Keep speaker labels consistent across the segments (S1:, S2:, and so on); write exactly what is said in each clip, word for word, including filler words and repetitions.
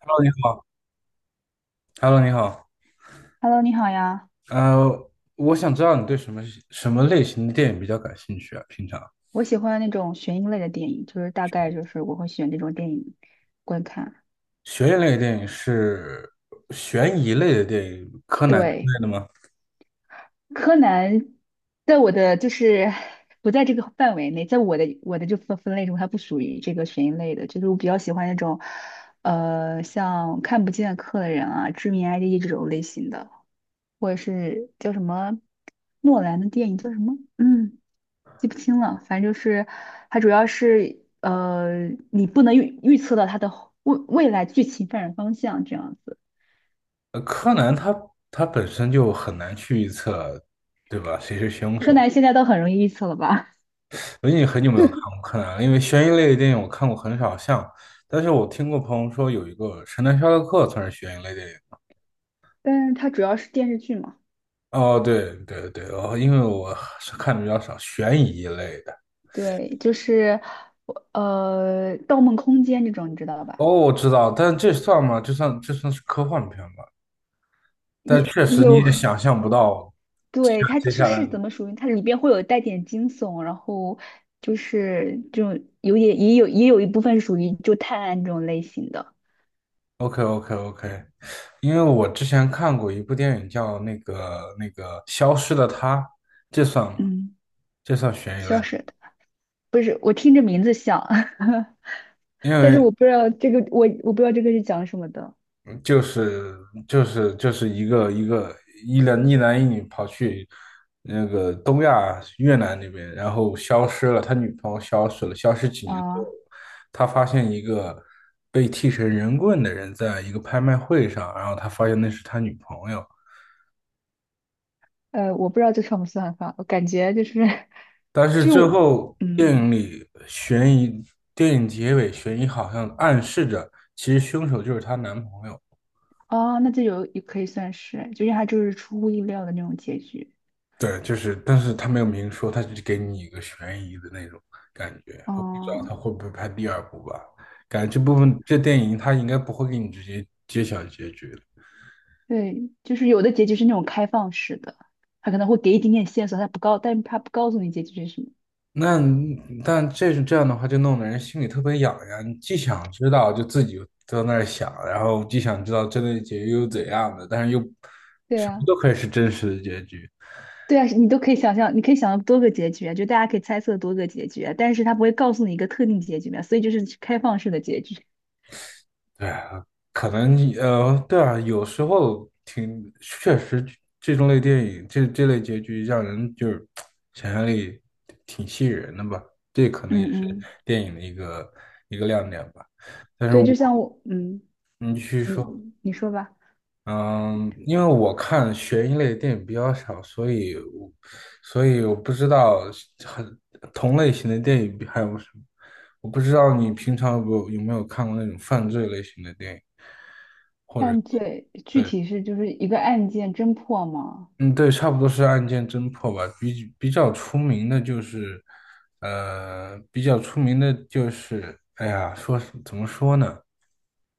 S1: Hello，你好。Hello，你好。
S2: Hello，你好呀。
S1: 呃，我想知道你对什么什么类型的电影比较感兴趣啊？平常
S2: 我喜欢那种悬疑类的电影，就是大概就是我会选这种电影观看。
S1: 悬疑类的电影是悬疑类的电影，柯南之
S2: 对，
S1: 类的吗？
S2: 柯南在我的就是不在这个范围内，在我的我的这分分类中，它不属于这个悬疑类的，就是我比较喜欢那种呃像看不见的客人啊、致命 I D 这种类型的，或者是叫什么诺兰的电影叫什么？嗯。记不清了，反正就是它主要是呃，你不能预预测到它的后未未来剧情发展方向这样子。
S1: 呃，柯南它它本身就很难去预测，对吧？谁是凶
S2: 柯
S1: 手？
S2: 南现在都很容易预测了吧？
S1: 我已经很久没有看过柯南了，因为悬疑类的电影我看过很少像，但是我听过朋友说有一个《神探夏洛克》算是悬疑类电影。
S2: 但是它主要是电视剧嘛，
S1: 哦，对对对，哦，因为我是看的比较少，悬疑类的。
S2: 对，就是我呃《盗梦空间》这种，你知道
S1: 哦，
S2: 吧？
S1: 我知道，但这算吗？这算这算是科幻片吧？但
S2: 也
S1: 确实你
S2: 有，
S1: 也想象不到
S2: 对，它
S1: 接
S2: 就
S1: 下来
S2: 是
S1: 的
S2: 怎么属于它里边会有带点惊悚，然后就是这种有点也有也有一部分属于就探案这种类型的，
S1: OK OK OK，因为我之前看过一部电影叫那个那个《消失的她》，这算吗？
S2: 嗯，
S1: 这算悬疑类
S2: 消
S1: 吗？
S2: 失的。不是，我听着名字像，
S1: 因
S2: 但是
S1: 为
S2: 我不知道这个，我我不知道这个是讲什么的
S1: 就是就是就是一个一个一男一男一女跑去那个东亚越南那边，然后消失了，他女朋友消失了，消失几年之后，
S2: 啊。
S1: 他发现一个被剃成人棍的人在一个拍卖会上，然后他发现那是他女朋友，
S2: 呃，我不知道这算不算法，我感觉就是
S1: 但是
S2: 就是
S1: 最
S2: 我，
S1: 后电
S2: 嗯，
S1: 影里悬疑，电影结尾悬疑好像暗示着其实凶手就是她男朋友。
S2: 哦，那这有也可以算是，就是它就是出乎意料的那种结局。
S1: 对，就是，但是他没有明说，他只给你一个悬疑的那种感觉。我不知道
S2: 哦，
S1: 他会不会拍第二部吧？感觉这部分这电影他应该不会给你直接揭晓结局的。
S2: 对，就是有的结局是那种开放式的，它可能会给一点点线索，它不告，但是它不告诉你结局是什么。
S1: 那但这是这样的话，就弄得人心里特别痒痒。你既想知道，就自己在那儿想，然后既想知道真的结局又怎样的，但是又
S2: 对
S1: 什么
S2: 呀、
S1: 都可以是真实的结局。
S2: 对啊，你都可以想象，你可以想象多个结局啊，就大家可以猜测多个结局啊，但是他不会告诉你一个特定结局嘛，所以就是开放式的结局。
S1: 对啊，可能呃，对啊，有时候挺确实这，这种类电影，这这类结局让人就是 想象力挺吸引人的吧。这可能
S2: 嗯
S1: 也是
S2: 嗯，
S1: 电影的一个一个亮点吧。但是
S2: 对，
S1: 我，
S2: 就像我，嗯，
S1: 你去说，
S2: 你你说吧。
S1: 嗯，因为我看悬疑类的电影比较少，所以我所以我不知道很同类型的电影还有什么。我不知道你平常有没有有没有看过那种犯罪类型的电影，或者
S2: 犯罪具
S1: 对，
S2: 体是就是一个案件侦破吗？
S1: 嗯，对，差不多是案件侦破吧。比比较出名的就是，呃，比较出名的就是，哎呀，说是怎么说呢？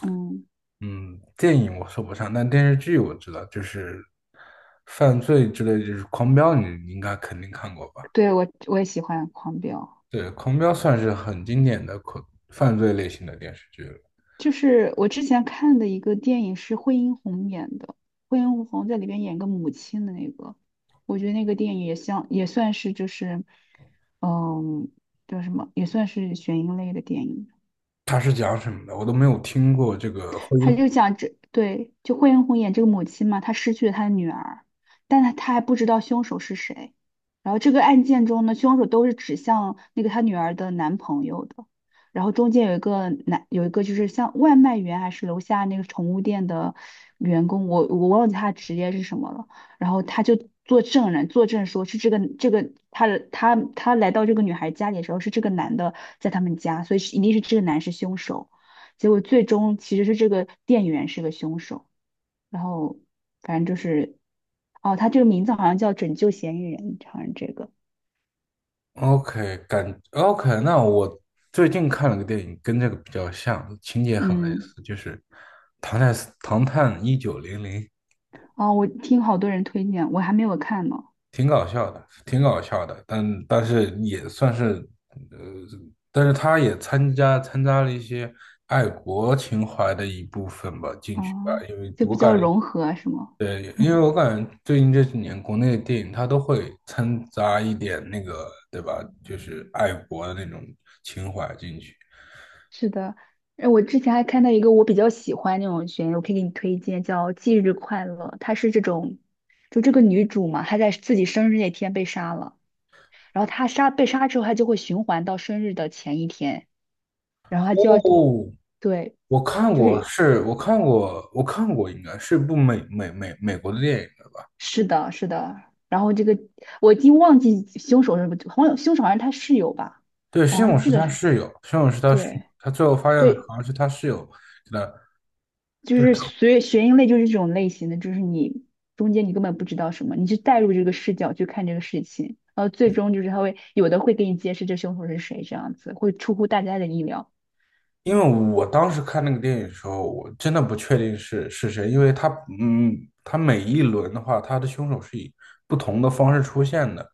S2: 嗯，
S1: 嗯，电影我说不上，但电视剧我知道，就是犯罪之类，就是《狂飙》，你你应该肯定看过吧？
S2: 对我我也喜欢狂飙。
S1: 对，《狂飙》算是很经典的恐犯罪类型的电视剧了。
S2: 就是我之前看的一个电影是惠英红演的，惠英红在里边演个母亲的那个，我觉得那个电影也像也算是就是，嗯，叫什么，也算是悬疑类的电影。
S1: 它是讲什么的？我都没有听过这个婚
S2: 他
S1: 姻。
S2: 就讲这对，就惠英红演这个母亲嘛，她失去了她的女儿，但她她还不知道凶手是谁。然后这个案件中呢，凶手都是指向那个她女儿的男朋友的。然后中间有一个男，有一个就是像外卖员还是楼下那个宠物店的员工，我我忘记他的职业是什么了。然后他就做证人，作证说是这个这个他的他他来到这个女孩家里的时候是这个男的在他们家，所以是一定是这个男是凶手。结果最终其实是这个店员是个凶手，然后反正就是，哦，他这个名字好像叫《拯救嫌疑人》，好像这个，
S1: OK，感 OK，那我最近看了个电影，跟这个比较像，情节很类
S2: 嗯，
S1: 似，就是《唐探唐探一九零零》。
S2: 哦，我听好多人推荐，我还没有看呢，
S1: 挺搞笑的，挺搞笑的，但但是也算是，呃，但是他也参加参加了一些爱国情怀的一部分吧，进去吧，
S2: 哦，
S1: 因为
S2: 就
S1: 我
S2: 比较
S1: 感觉，
S2: 融合是吗？
S1: 对，因为
S2: 嗯，
S1: 我感觉最近这几年国内的电影它都会掺杂一点那个，对吧？就是爱国的那种情怀进去。
S2: 是的，呃我之前还看到一个我比较喜欢那种悬疑，我可以给你推荐，叫《忌日快乐》，它是这种，就这个女主嘛，她在自己生日那天被杀了。然后她杀被杀之后，她就会循环到生日的前一天，然后他
S1: 哦，
S2: 就要，对，
S1: 我看
S2: 就
S1: 过，
S2: 是
S1: 是我看过，我看过，应该是部美美美美国的电影，
S2: 是的，是的。然后这个我已经忘记凶手是不，好像凶手好像是他室友吧，
S1: 对，
S2: 我
S1: 西
S2: 好像
S1: 蒙
S2: 记
S1: 是
S2: 得
S1: 他
S2: 是，
S1: 室友，西蒙是他室友，
S2: 对
S1: 他最后发现的
S2: 对，
S1: 好像是他室友给他。
S2: 就
S1: 对，
S2: 是悬悬疑类就是这种类型的，就是你中间你根本不知道什么，你就带入这个视角去看这个事情，然后最终就是他会有的会给你揭示这凶手是谁，这样子会出乎大家的意料。
S1: 因为我当时看那个电影的时候，我真的不确定是是谁，因为他，嗯，他每一轮的话，他的凶手是以不同的方式出现的，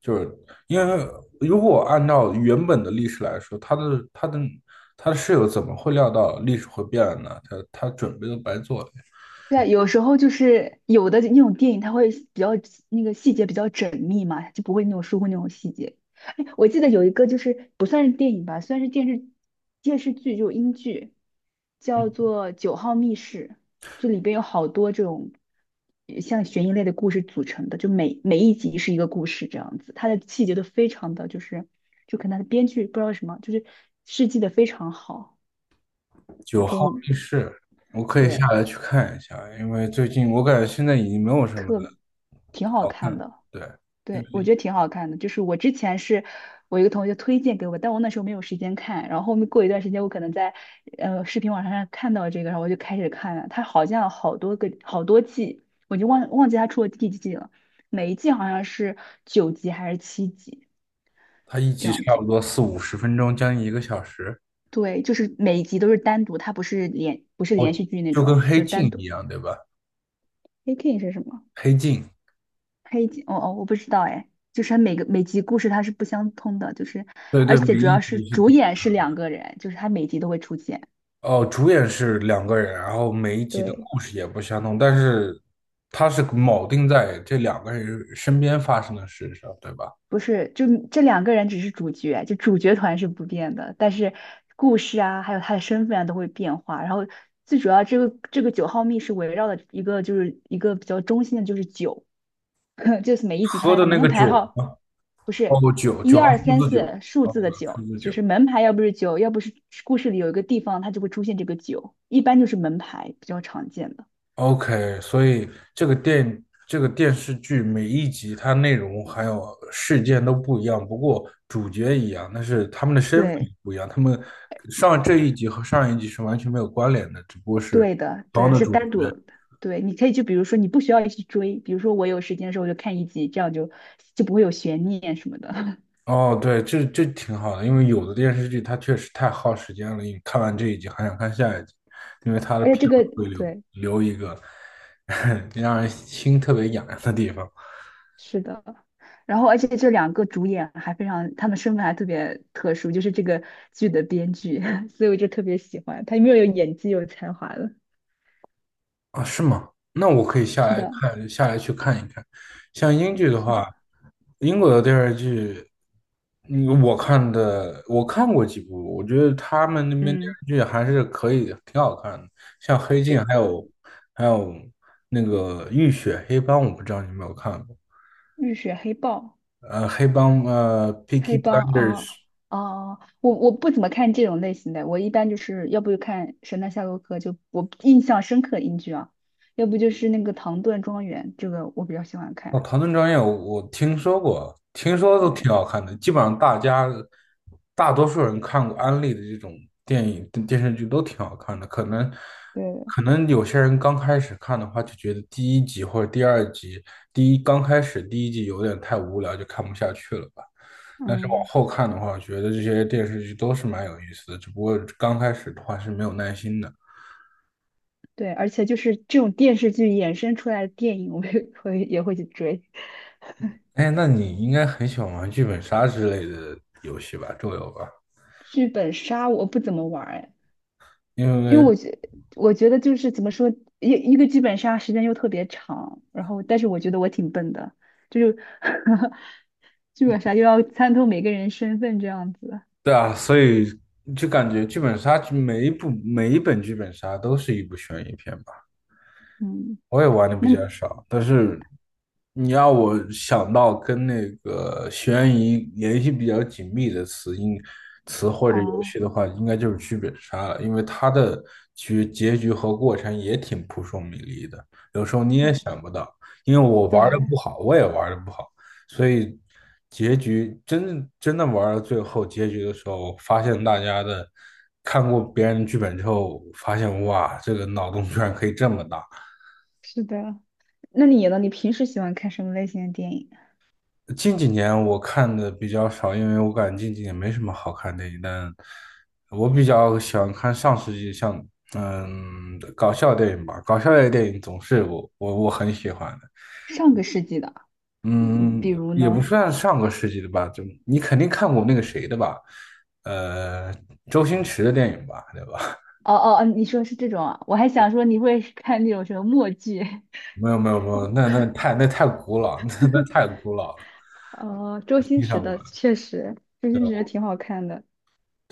S1: 就是因为如果按照原本的历史来说，他的他的他的室友怎么会料到历史会变呢？他他准备都白做了。
S2: 对啊，有时候就是有的那种电影，它会比较那个细节比较缜密嘛，就不会那种疏忽那种细节。哎，我记得有一个就是不算是电影吧，算是电视电视剧，就是英剧，叫做《九号密室》，就里边有好多这种呃像悬疑类的故事组成的，就每每一集是一个故事这样子，它的细节都非常的就是，就可能它的编剧不知道什么，就是设计的非常好，就
S1: 九
S2: 可
S1: 号
S2: 以。
S1: 密室，我可以下
S2: 对，
S1: 来去看一下，因为最近我感觉现在已经没有什么。
S2: 特挺好
S1: 好
S2: 看
S1: 看，
S2: 的。
S1: 对，因
S2: 对，我
S1: 为
S2: 觉得挺好看的。就是我之前是我一个同学推荐给我，但我那时候没有时间看。然后后面过一段时间，我可能在呃视频网站上看到这个，然后我就开始看了。它好像好多个好多季，我就忘忘记它出了第几季了。每一季好像是九集还是七集
S1: 它一
S2: 这
S1: 集
S2: 样
S1: 差
S2: 子。
S1: 不多四五十分钟，将近一个小时，
S2: 对，就是每一集都是单独，它不是连不是连续剧那
S1: 就跟
S2: 种，就
S1: 《黑
S2: 是
S1: 镜》
S2: 单
S1: 一
S2: 独。
S1: 样，对吧？
S2: A K 是什么？
S1: 《黑镜》，
S2: 黑集，哦哦，我不知道哎，就是它每个每集故事它是不相通的，就是
S1: 对
S2: 而
S1: 对，
S2: 且
S1: 每
S2: 主
S1: 一
S2: 要是
S1: 集是不，
S2: 主演是两个人，就是他每集都会出现，
S1: 哦，主演是两个人，然后每一集的
S2: 对，
S1: 故事也不相同，但是它是铆定在这两个人身边发生的事上，对吧？
S2: 不是就这两个人只是主角，就主角团是不变的，但是故事啊，还有他的身份啊都会变化。然后最主要这个这个九号密室围绕的一个就是一个比较中心的就是酒。就是每一集它
S1: 喝
S2: 的
S1: 的那
S2: 门
S1: 个
S2: 牌
S1: 酒
S2: 号
S1: 嘛，
S2: 不是
S1: 哦，酒，
S2: 一
S1: 九号
S2: 二
S1: 数
S2: 三
S1: 字九，
S2: 四数
S1: 哦，
S2: 字的
S1: 数
S2: 九，
S1: 字
S2: 就
S1: 九，
S2: 是门牌要不是九，要不是故事里有一个地方它就会出现这个九，一般就是门牌比较常见的。
S1: OK，所以这个电这个电视剧每一集它内容还有事件都不一样，不过主角一样，但是他们的身份
S2: 对，
S1: 不一样，他们上这一集和上一集是完全没有关联的，只不过是
S2: 对的，对
S1: 当
S2: 的，
S1: 的
S2: 是
S1: 主角。
S2: 单独的。对，你可以就比如说你不需要去追，比如说我有时间的时候我就看一集，这样就就不会有悬念什么的。
S1: 哦，对，这这挺好的，因为有的电视剧它确实太耗时间了，你看完这一集还想看下一集，因为它的
S2: 而且
S1: 片
S2: 这个
S1: 尾会留
S2: 对
S1: 留一个 让人心特别痒痒的地方。
S2: 是的，然后而且这两个主演还非常，他们身份还特别特殊，就是这个剧的编剧，所以我就特别喜欢他，有为有演技，有才华了。
S1: 啊，是吗？那我可以下
S2: 是
S1: 来
S2: 的，
S1: 看，下来去看一看。像英剧的
S2: 是的，
S1: 话，英国的电视剧，嗯，我看的，我看过几部，我觉得他们那边电
S2: 嗯，
S1: 视剧还是可以，挺好看的。像《黑镜》，
S2: 对，
S1: 还有还有那个《浴血黑帮》，我不知道你有没有看过。
S2: 浴血黑豹、
S1: 呃，黑帮，呃，《Peaky
S2: 黑帮啊
S1: Blinders》。
S2: 啊，我我不怎么看这种类型的，我一般就是要不就看《神探夏洛克》，就我印象深刻的英剧啊，要不就是那个《唐顿庄园》，这个我比较喜欢
S1: 哦，
S2: 看。
S1: 《唐顿庄园》我我听说过，听说都
S2: 对
S1: 挺好看的。基本上大家大多数人看过安利的这种电影、电视剧都挺好看的。可能
S2: 对，
S1: 可能有些人刚开始看的话，就觉得第一集或者第二集，第一刚开始第一集有点太无聊，就看不下去了吧。但是往
S2: 嗯。
S1: 后看的话，我觉得这些电视剧都是蛮有意思的，只不过刚开始的话是没有耐心的。
S2: 对，而且就是这种电视剧衍生出来的电影，我也会也会去追。
S1: 哎，那你应该很喜欢玩剧本杀之类的游戏吧，桌游吧？
S2: 剧本杀我不怎么玩儿哎，
S1: 因
S2: 因
S1: 为
S2: 为我觉我觉得就是怎么说，一一个剧本杀时间又特别长，然后但是我觉得我挺笨的，就是 剧本杀又要参透每个人身份这样子。
S1: 对啊，所以就感觉剧本杀每一部每一本剧本杀都是一部悬疑片吧。
S2: 嗯，
S1: 我也玩的
S2: 那
S1: 比
S2: 你
S1: 较少，但是你要我想到跟那个悬疑联系比较紧密的词应词或者游
S2: 啊，
S1: 戏的话，应该就是剧本杀了，因为它的结结局和过程也挺扑朔迷离的，有时候你
S2: 对
S1: 也想不到，因为我玩的
S2: 对，
S1: 不好，我也玩的不好，所以结局真正真的玩到最后结局的时候，发现大家的看过别人的剧本之后，发现哇，这个脑洞居然可以这么大。
S2: 是的。那你呢？你平时喜欢看什么类型的电影？
S1: 近几年我看的比较少，因为我感觉近几年没什么好看电影。但我比较喜欢看上世纪像嗯搞笑电影吧，搞笑类电影总是我我我很喜欢的。
S2: 上个世纪的，嗯比
S1: 嗯，
S2: 如
S1: 也不
S2: 呢？
S1: 算上个世纪的吧，就你肯定看过那个谁的吧，呃，周星驰的电影吧，对吧？
S2: 哦哦，哦，你说是这种啊？我还想说你会看那种什么默剧，
S1: 没有没有没有，那那太那太古老，那那太古老了，
S2: 哦，周星
S1: 欣
S2: 驰
S1: 赏不
S2: 的
S1: 了。
S2: 确实，周星驰的挺好看的。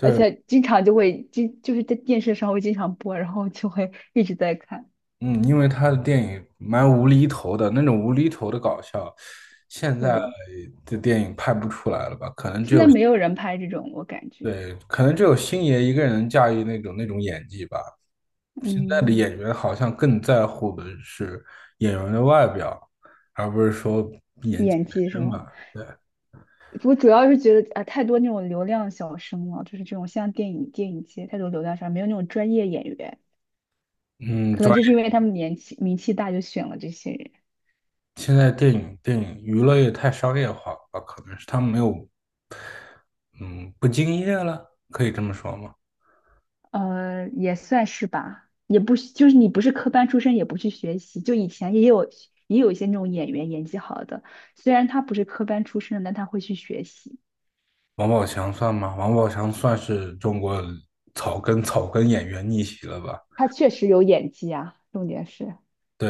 S2: 而且经常就会经就是在电视上会经常播，然后就会一直在看。
S1: 嗯，因为他的电影蛮无厘头的，那种无厘头的搞笑，现
S2: 对
S1: 在
S2: 的，
S1: 的电影拍不出来了吧？可能只
S2: 现在
S1: 有，
S2: 没有人拍这种，我感觉。
S1: 对，可能只有星爷一个人能驾驭那种那种演技吧。现在的
S2: 嗯，
S1: 演员好像更在乎的是演员的外表，而不是说演技
S2: 演
S1: 本
S2: 技是
S1: 身
S2: 吗？
S1: 吧。对，
S2: 我主要是觉得啊、太多那种流量小生了，就是这种像电影电影界太多流量小生，没有那种专业演员，
S1: 嗯，
S2: 可
S1: 专
S2: 能就是因为他们年纪名气大，就选了这些人。
S1: 业，现在电影电影娱乐业太商业化了吧？可能是他们没有，嗯，不敬业了，可以这么说吗？
S2: 呃，也算是吧，也不是就是你不是科班出身，也不去学习，就以前也有也有一些那种演员演技好的，虽然他不是科班出身的但他会去学习，
S1: 王宝强算吗？王宝强算是中国草根草根演员逆袭了吧？
S2: 他确实有演技啊，重点是，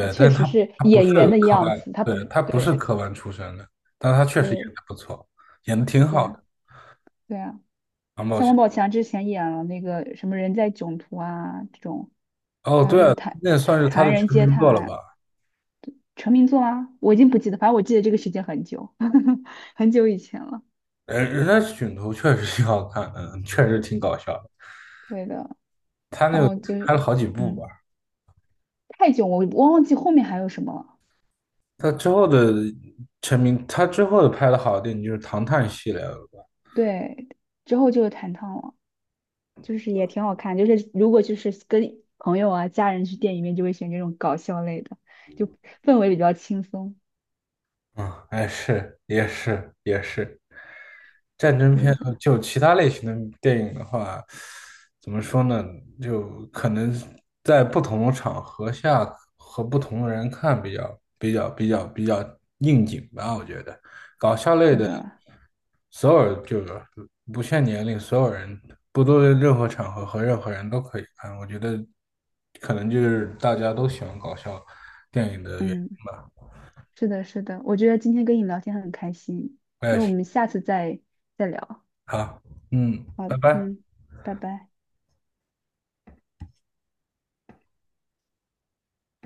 S2: 他确
S1: 但是
S2: 实
S1: 他
S2: 是
S1: 他不
S2: 演
S1: 是
S2: 员的
S1: 科
S2: 样
S1: 班，
S2: 子，他不
S1: 对，
S2: 是，
S1: 他不是
S2: 对
S1: 科班出身的，但他确实演
S2: 对
S1: 的不错，演的挺
S2: 对
S1: 好
S2: 啊
S1: 的。
S2: 对啊，
S1: 王宝
S2: 像
S1: 强，
S2: 王宝强之前演了那个什么《人在囧途》啊这种，
S1: 哦，
S2: 还有
S1: 对
S2: 这种
S1: 啊，
S2: 《唐
S1: 那
S2: 唐
S1: 算是他
S2: 唐
S1: 的
S2: 人
S1: 成
S2: 街
S1: 名
S2: 探
S1: 作了
S2: 案》
S1: 吧？
S2: 成名作啊，我已经不记得，反正我记得这个时间很久，很久以前了。
S1: 人人家《囧途》确实挺好看，嗯，确实挺搞笑的
S2: 对的，
S1: 他那
S2: 然
S1: 个
S2: 后就
S1: 拍
S2: 是，
S1: 了好几部
S2: 嗯，
S1: 吧，
S2: 太囧，我我忘记后面还有什么了。
S1: 他之后的成名，他之后的拍的好的电影就是《唐探》系列了吧？
S2: 对，之后就是弹唱了，就是也挺好看。就是如果就是跟朋友啊、家人去电影院，就会选这种搞笑类的，就氛围比较轻松。
S1: 嗯，哎，是，也是，也是。战争
S2: 对
S1: 片
S2: 的，
S1: 和就其他类型的电影的话，怎么说呢？就可能在不同的场合下和不同的人看比较比较比较比较应景吧，我觉得。
S2: 是的，
S1: 所有就是不限年龄，所有人不论任何场合和任何人都可以看。我觉得可能就是大家都喜欢搞笑电影的原
S2: 嗯，
S1: 因。
S2: 是的，是的。我觉得今天跟你聊天很开心，
S1: 我也
S2: 因为我
S1: 是。
S2: 们下次再再聊。
S1: 好，嗯，
S2: 好，
S1: 拜拜。
S2: 嗯，拜拜。